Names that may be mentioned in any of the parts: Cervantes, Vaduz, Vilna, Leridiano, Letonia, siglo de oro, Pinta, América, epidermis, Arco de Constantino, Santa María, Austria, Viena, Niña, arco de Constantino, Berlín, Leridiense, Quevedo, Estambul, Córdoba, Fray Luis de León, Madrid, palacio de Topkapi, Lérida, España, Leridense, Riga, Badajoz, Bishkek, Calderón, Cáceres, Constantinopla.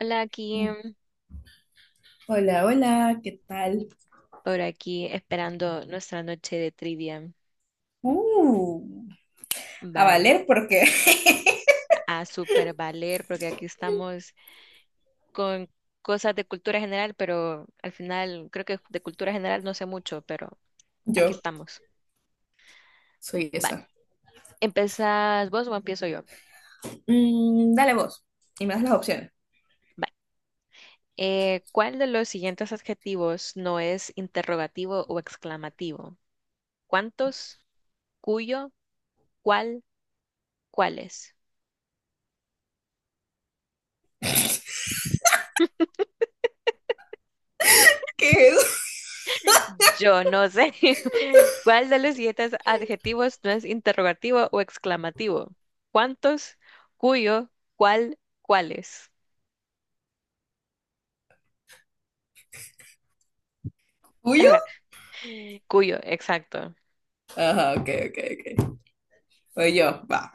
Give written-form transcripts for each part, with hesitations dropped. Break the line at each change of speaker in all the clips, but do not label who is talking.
Hola, aquí
Hola, hola, ¿qué tal?
por aquí esperando nuestra noche de trivia.
Uh, a
Va
valer porque
a super valer porque aquí estamos con cosas de cultura general, pero al final creo que de cultura general no sé mucho, pero aquí
yo
estamos.
soy
Va,
esa.
¿empezás vos o empiezo yo?
Dale vos y me das las opciones.
Va. ¿Cuál de los siguientes adjetivos no es interrogativo o exclamativo? ¿Cuántos? ¿Cuyo? ¿Cuál? ¿Cuáles?
¿Qué es?
Yo no sé. ¿Cuál de los siguientes adjetivos no es interrogativo o exclamativo? ¿Cuántos? ¿Cuyo? ¿Cuál? ¿Cuáles?
¿Tuyo?
Ajá, cuyo, exacto.
Ajá, ok, ok, ok. Voy yo, va.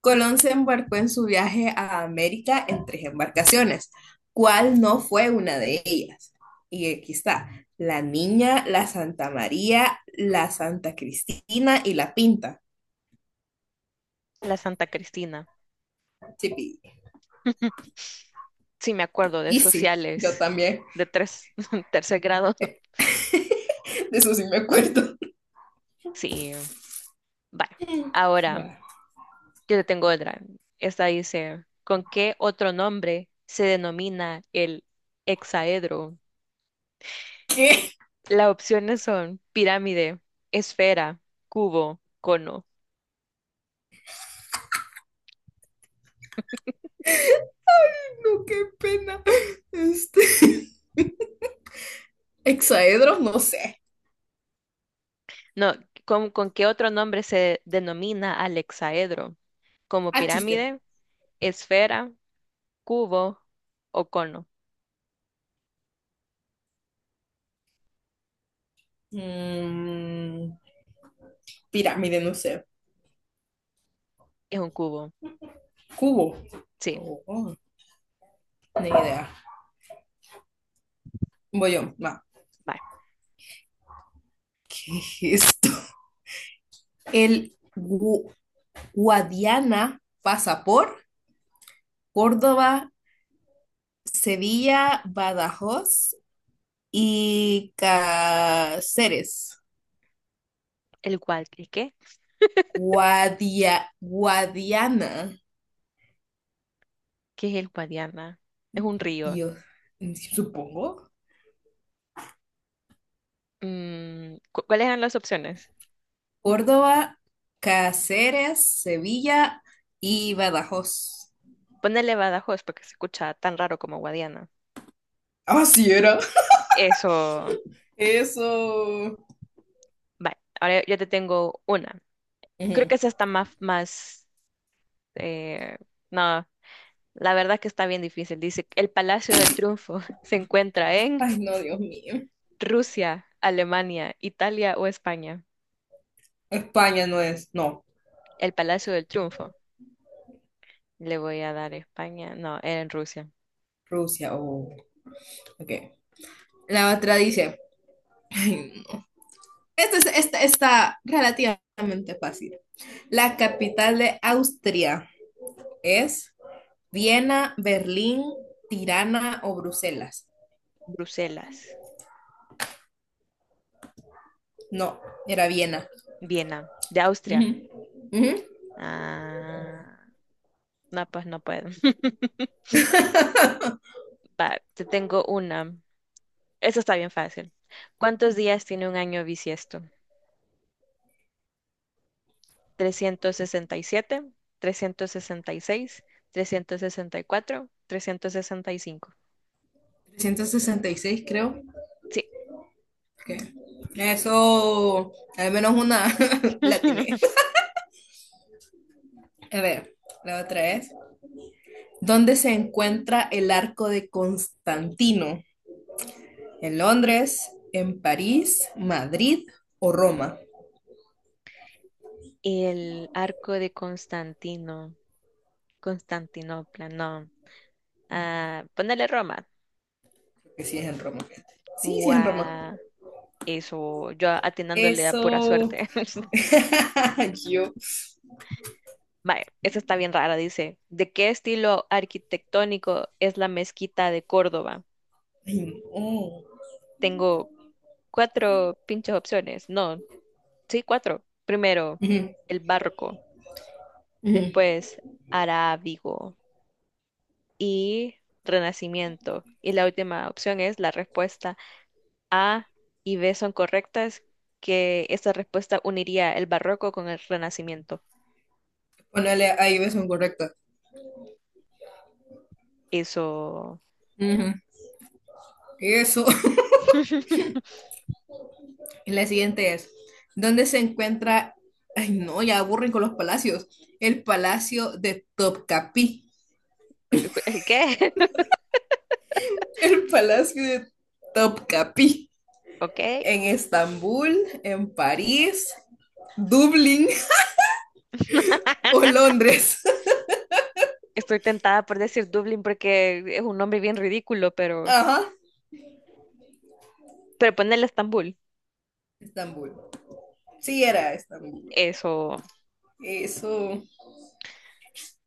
Colón se embarcó en su viaje a América en tres embarcaciones. ¿Cuál no fue una de ellas? Y aquí está, la Niña, la Santa María, la Santa Cristina y la Pinta.
La Santa Cristina.
Chipi.
Sí, me acuerdo de
Y sí, yo
sociales
también,
de tercer grado.
de eso sí me acuerdo.
Sí, vale. Ahora,
Bueno.
yo te tengo otra. Esta dice, ¿con qué otro nombre se denomina el hexaedro?
¿Qué?
Las opciones son pirámide, esfera, cubo, cono.
Ay, no, qué pena. Este. Hexaedro, no sé.
No, ¿con qué otro nombre se denomina al hexaedro? Como
Ah, chiste.
pirámide, esfera, cubo o cono.
Mm, pirámide, no sé.
Es un cubo.
Cubo.
Sí,
Oh, oh, ni idea. Voy yo. Va.
va.
¿Qué es esto? El Guadiana pasa por Córdoba, Sevilla, Badajoz y Cáceres.
El cual, ¿y qué?
Guadiana.
¿Qué es el Guadiana? Es un río.
Dios, supongo.
¿Cuáles eran las opciones?
Córdoba, Cáceres, Sevilla y Badajoz.
Ponele Badajoz porque se escucha tan raro como Guadiana.
Ah, sí era.
Eso,
Eso.
va. Ahora yo te tengo una. Creo
Ujú.
que esa está más. Eh, no, la verdad que está bien difícil. Dice, el Palacio del Triunfo se encuentra en
Ay, no, Dios mío.
Rusia, Alemania, Italia o España.
España no es, no,
El Palacio del Triunfo. Le voy a dar España. No, era en Rusia.
Rusia, oh, ok. La otra dice, ay, no. Esta está relativamente fácil. La capital de Austria es Viena, Berlín, Tirana o Bruselas.
Bruselas,
No, era Viena.
Viena, de
Ujú.
Austria.
Ujú.
Ah, no, pues no puedo. Va, te tengo una. Esa está bien fácil. ¿Cuántos días tiene un año bisiesto? trescientos trescientos trescientos sesenta y siete, seis, cuatro. 365.
366, creo.
Sí.
Que eso, al menos una latiné. A ver, la otra es. ¿Dónde se encuentra el arco de Constantino? ¿En Londres? ¿En París? ¿Madrid o Roma?
El arco de Constantino, Constantinopla, no. Ah, ponele Roma.
Porque sí es en Roma. Sí, sí es en Roma.
Guau. Eso, yo atinándole a pura
Eso.
suerte.
Yo.
Vaya, esa está bien rara, dice. ¿De qué estilo arquitectónico es la mezquita de Córdoba?
Ay, no.
Tengo cuatro pinches opciones. No, sí, cuatro. Primero,
Ujú,
el barroco,
ujú.
después arábigo y Renacimiento. Y la última opción es la respuesta A y B son correctas, que esta respuesta uniría el barroco con el Renacimiento.
Ponele ahí versión correcta.
Eso.
Ujú. Eso. La siguiente es, ¿dónde se encuentra, ay no, ya aburren con los palacios, el palacio de Topkapi?
¿El qué?
El palacio de Topkapi.
Ok.
En Estambul, en París, Dublín o Londres.
Estoy tentada por decir Dublín porque es un nombre bien ridículo,
Ajá,
pero ponerle Estambul.
Estambul. Sí, era Estambul.
Eso.
Eso.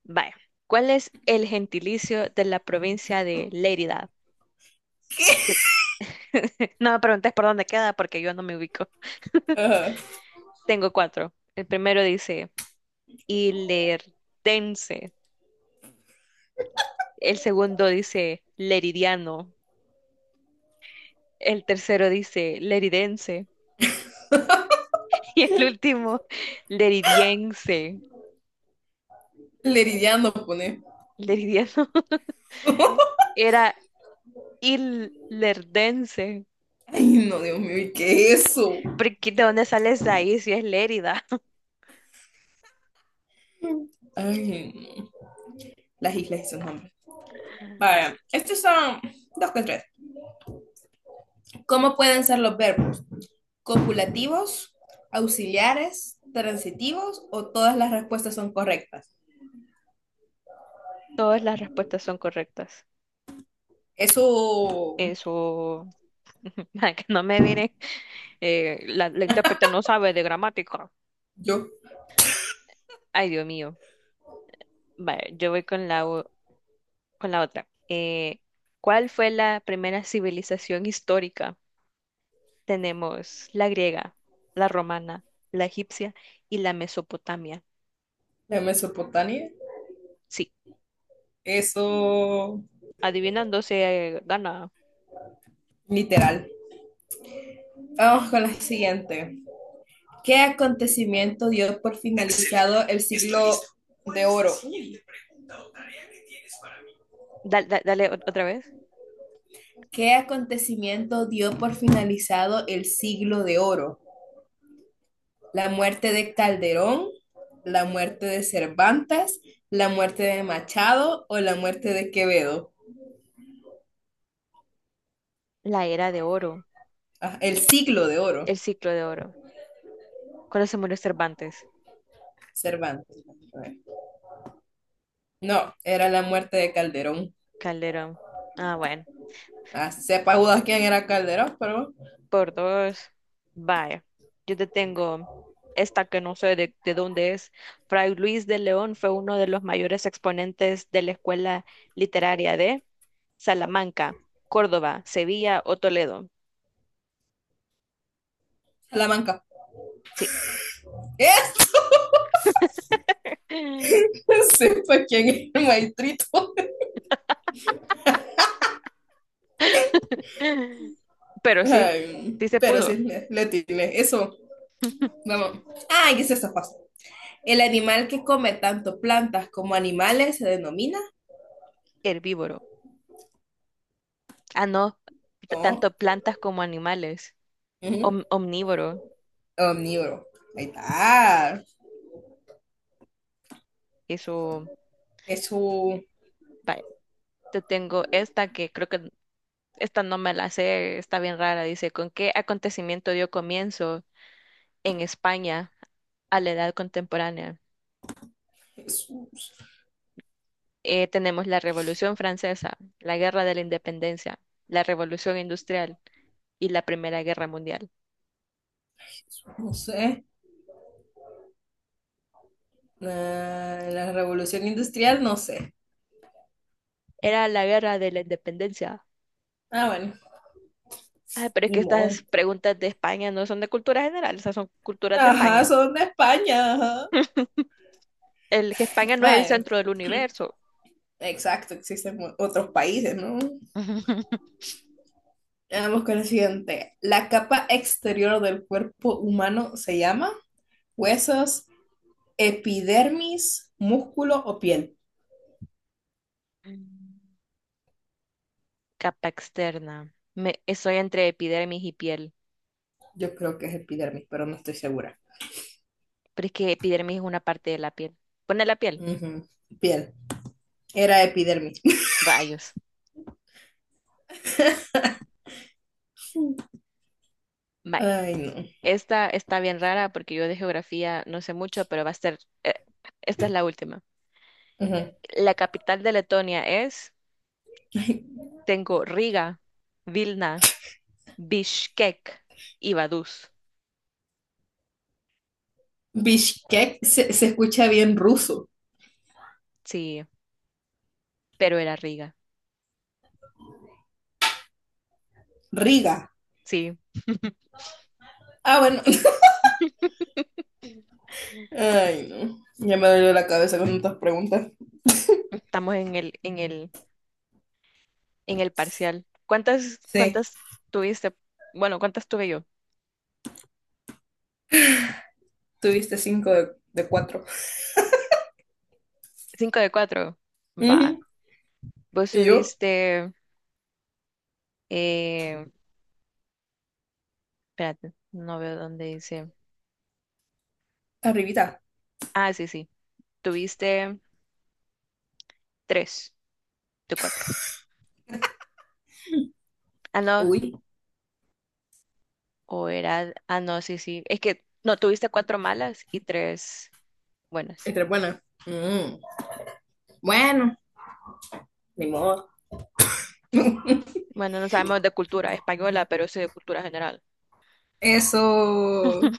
Vaya. ¿Cuál es el gentilicio de la provincia de Lérida? No me preguntes por dónde queda porque yo no me ubico.
Ajá.
Tengo cuatro. El primero dice ilerdense. El segundo dice leridiano. El tercero dice leridense. Y el último, leridiense.
Leridiano pone.
Leridiano. Era ilerdense.
Ay, no, Dios mío, ¿y qué es eso?
Porque ¿de dónde sales de ahí si es Lérida?
Ay, no. Las islas y sus nombres. Vaya, estos son dos con tres. ¿Cómo pueden ser los verbos? ¿Copulativos, auxiliares, transitivos o todas las respuestas son correctas?
Todas las respuestas son correctas.
Eso
Eso, para que no me miren, la intérprete no sabe de gramática.
yo,
Ay, Dios mío. Vale, yo voy con con la otra. ¿Cuál fue la primera civilización histórica? Tenemos la griega, la romana, la egipcia y la Mesopotamia.
de Mesopotamia.
Sí,
Eso
adivinando se gana.
literal. Vamos con la siguiente. ¿Qué acontecimiento dio por finalizado el siglo de oro?
No. Dale otra vez.
¿Qué acontecimiento dio por finalizado el siglo de oro? La muerte de Calderón, la muerte de Cervantes, la muerte de Machado o la muerte de Quevedo.
La era de oro,
Ah, el siglo de
el
oro,
ciclo de oro. ¿Cuándo se murió Cervantes?
Cervantes. No, era la muerte de Calderón.
Calderón. Ah, bueno.
Ah, sepa Judas quién era Calderón, pero
Por dos. Vaya, yo te tengo esta que no sé de dónde es. Fray Luis de León fue uno de los mayores exponentes de la escuela literaria de Salamanca, Córdoba, Sevilla o Toledo.
Salamanca.
Sí.
¿Eh? Sepa quién es el maestrito.
Pero sí,
Ay,
sí se
pero sí,
pudo.
le tiré. Eso, vamos. Ah, y es esta fácil. El animal que come tanto plantas como animales se denomina.
Herbívoro. Ah, no,
No.
tanto plantas como animales.
Ujú.
Omnívoro.
Omnívoro. Ahí está.
Eso,
Jesús.
vaya. Te tengo esta que creo que. Esta no me la sé, está bien rara. Dice, ¿con qué acontecimiento dio comienzo en España a la edad contemporánea?
Jesús.
Tenemos la Revolución Francesa, la Guerra de la Independencia, la Revolución Industrial y la Primera Guerra Mundial.
Jesús, no sé. Ah, la revolución industrial, no sé.
Era la Guerra de la Independencia.
Ah, bueno.
Ay, pero es que
Ni
estas
modo.
preguntas de España no son de cultura general, esas son culturas de
Ajá,
España.
son de España. Ajá.
El que España no es el
Vaya.
centro del universo.
Exacto, existen otros países, ¿no? Vamos con el siguiente. La capa exterior del cuerpo humano se llama huesos, epidermis, músculo o piel.
Capa externa. Me, estoy entre epidermis y piel.
Yo creo que es epidermis, pero no estoy segura.
Pero es que epidermis es una parte de la piel. Pone la piel.
Ujú. Piel. Era epidermis.
Rayos. Vaya.
Ay, no.
Esta está bien rara porque yo de geografía no sé mucho, pero va a ser. Esta es la última.
Ujú.
La capital de Letonia es. Tengo Riga, Vilna, Bishkek y Vaduz.
Bishkek se escucha bien ruso.
Sí, pero era Riga.
Riga.
Sí,
Ah, bueno. Ay, no. Ya me dolió la cabeza con tantas preguntas.
estamos en el parcial. ¿Cuántas,
Sí,
cuántas tuviste? Bueno, ¿cuántas tuve yo?
tuviste cinco de cuatro.
Cinco de cuatro. Va.
Ujú.
Vos
Y yo,
tuviste. eh, Espérate, no veo dónde dice.
arribita.
Ah, sí, sí. Tuviste tres de cuatro. Ah, no.
Uy,
O era. Ah, no, sí, sí. Es que no, tuviste cuatro malas y tres buenas.
esta es buena. Mm. Bueno, ni modo.
Bueno, no sabemos de cultura española, pero sí de cultura general.
Eso.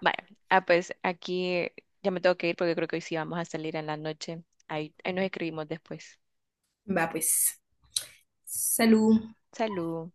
Vaya. Ah, pues aquí ya me tengo que ir porque creo que hoy sí vamos a salir en la noche. Ahí, ahí nos escribimos después.
Va, pues. Salud.
Salud.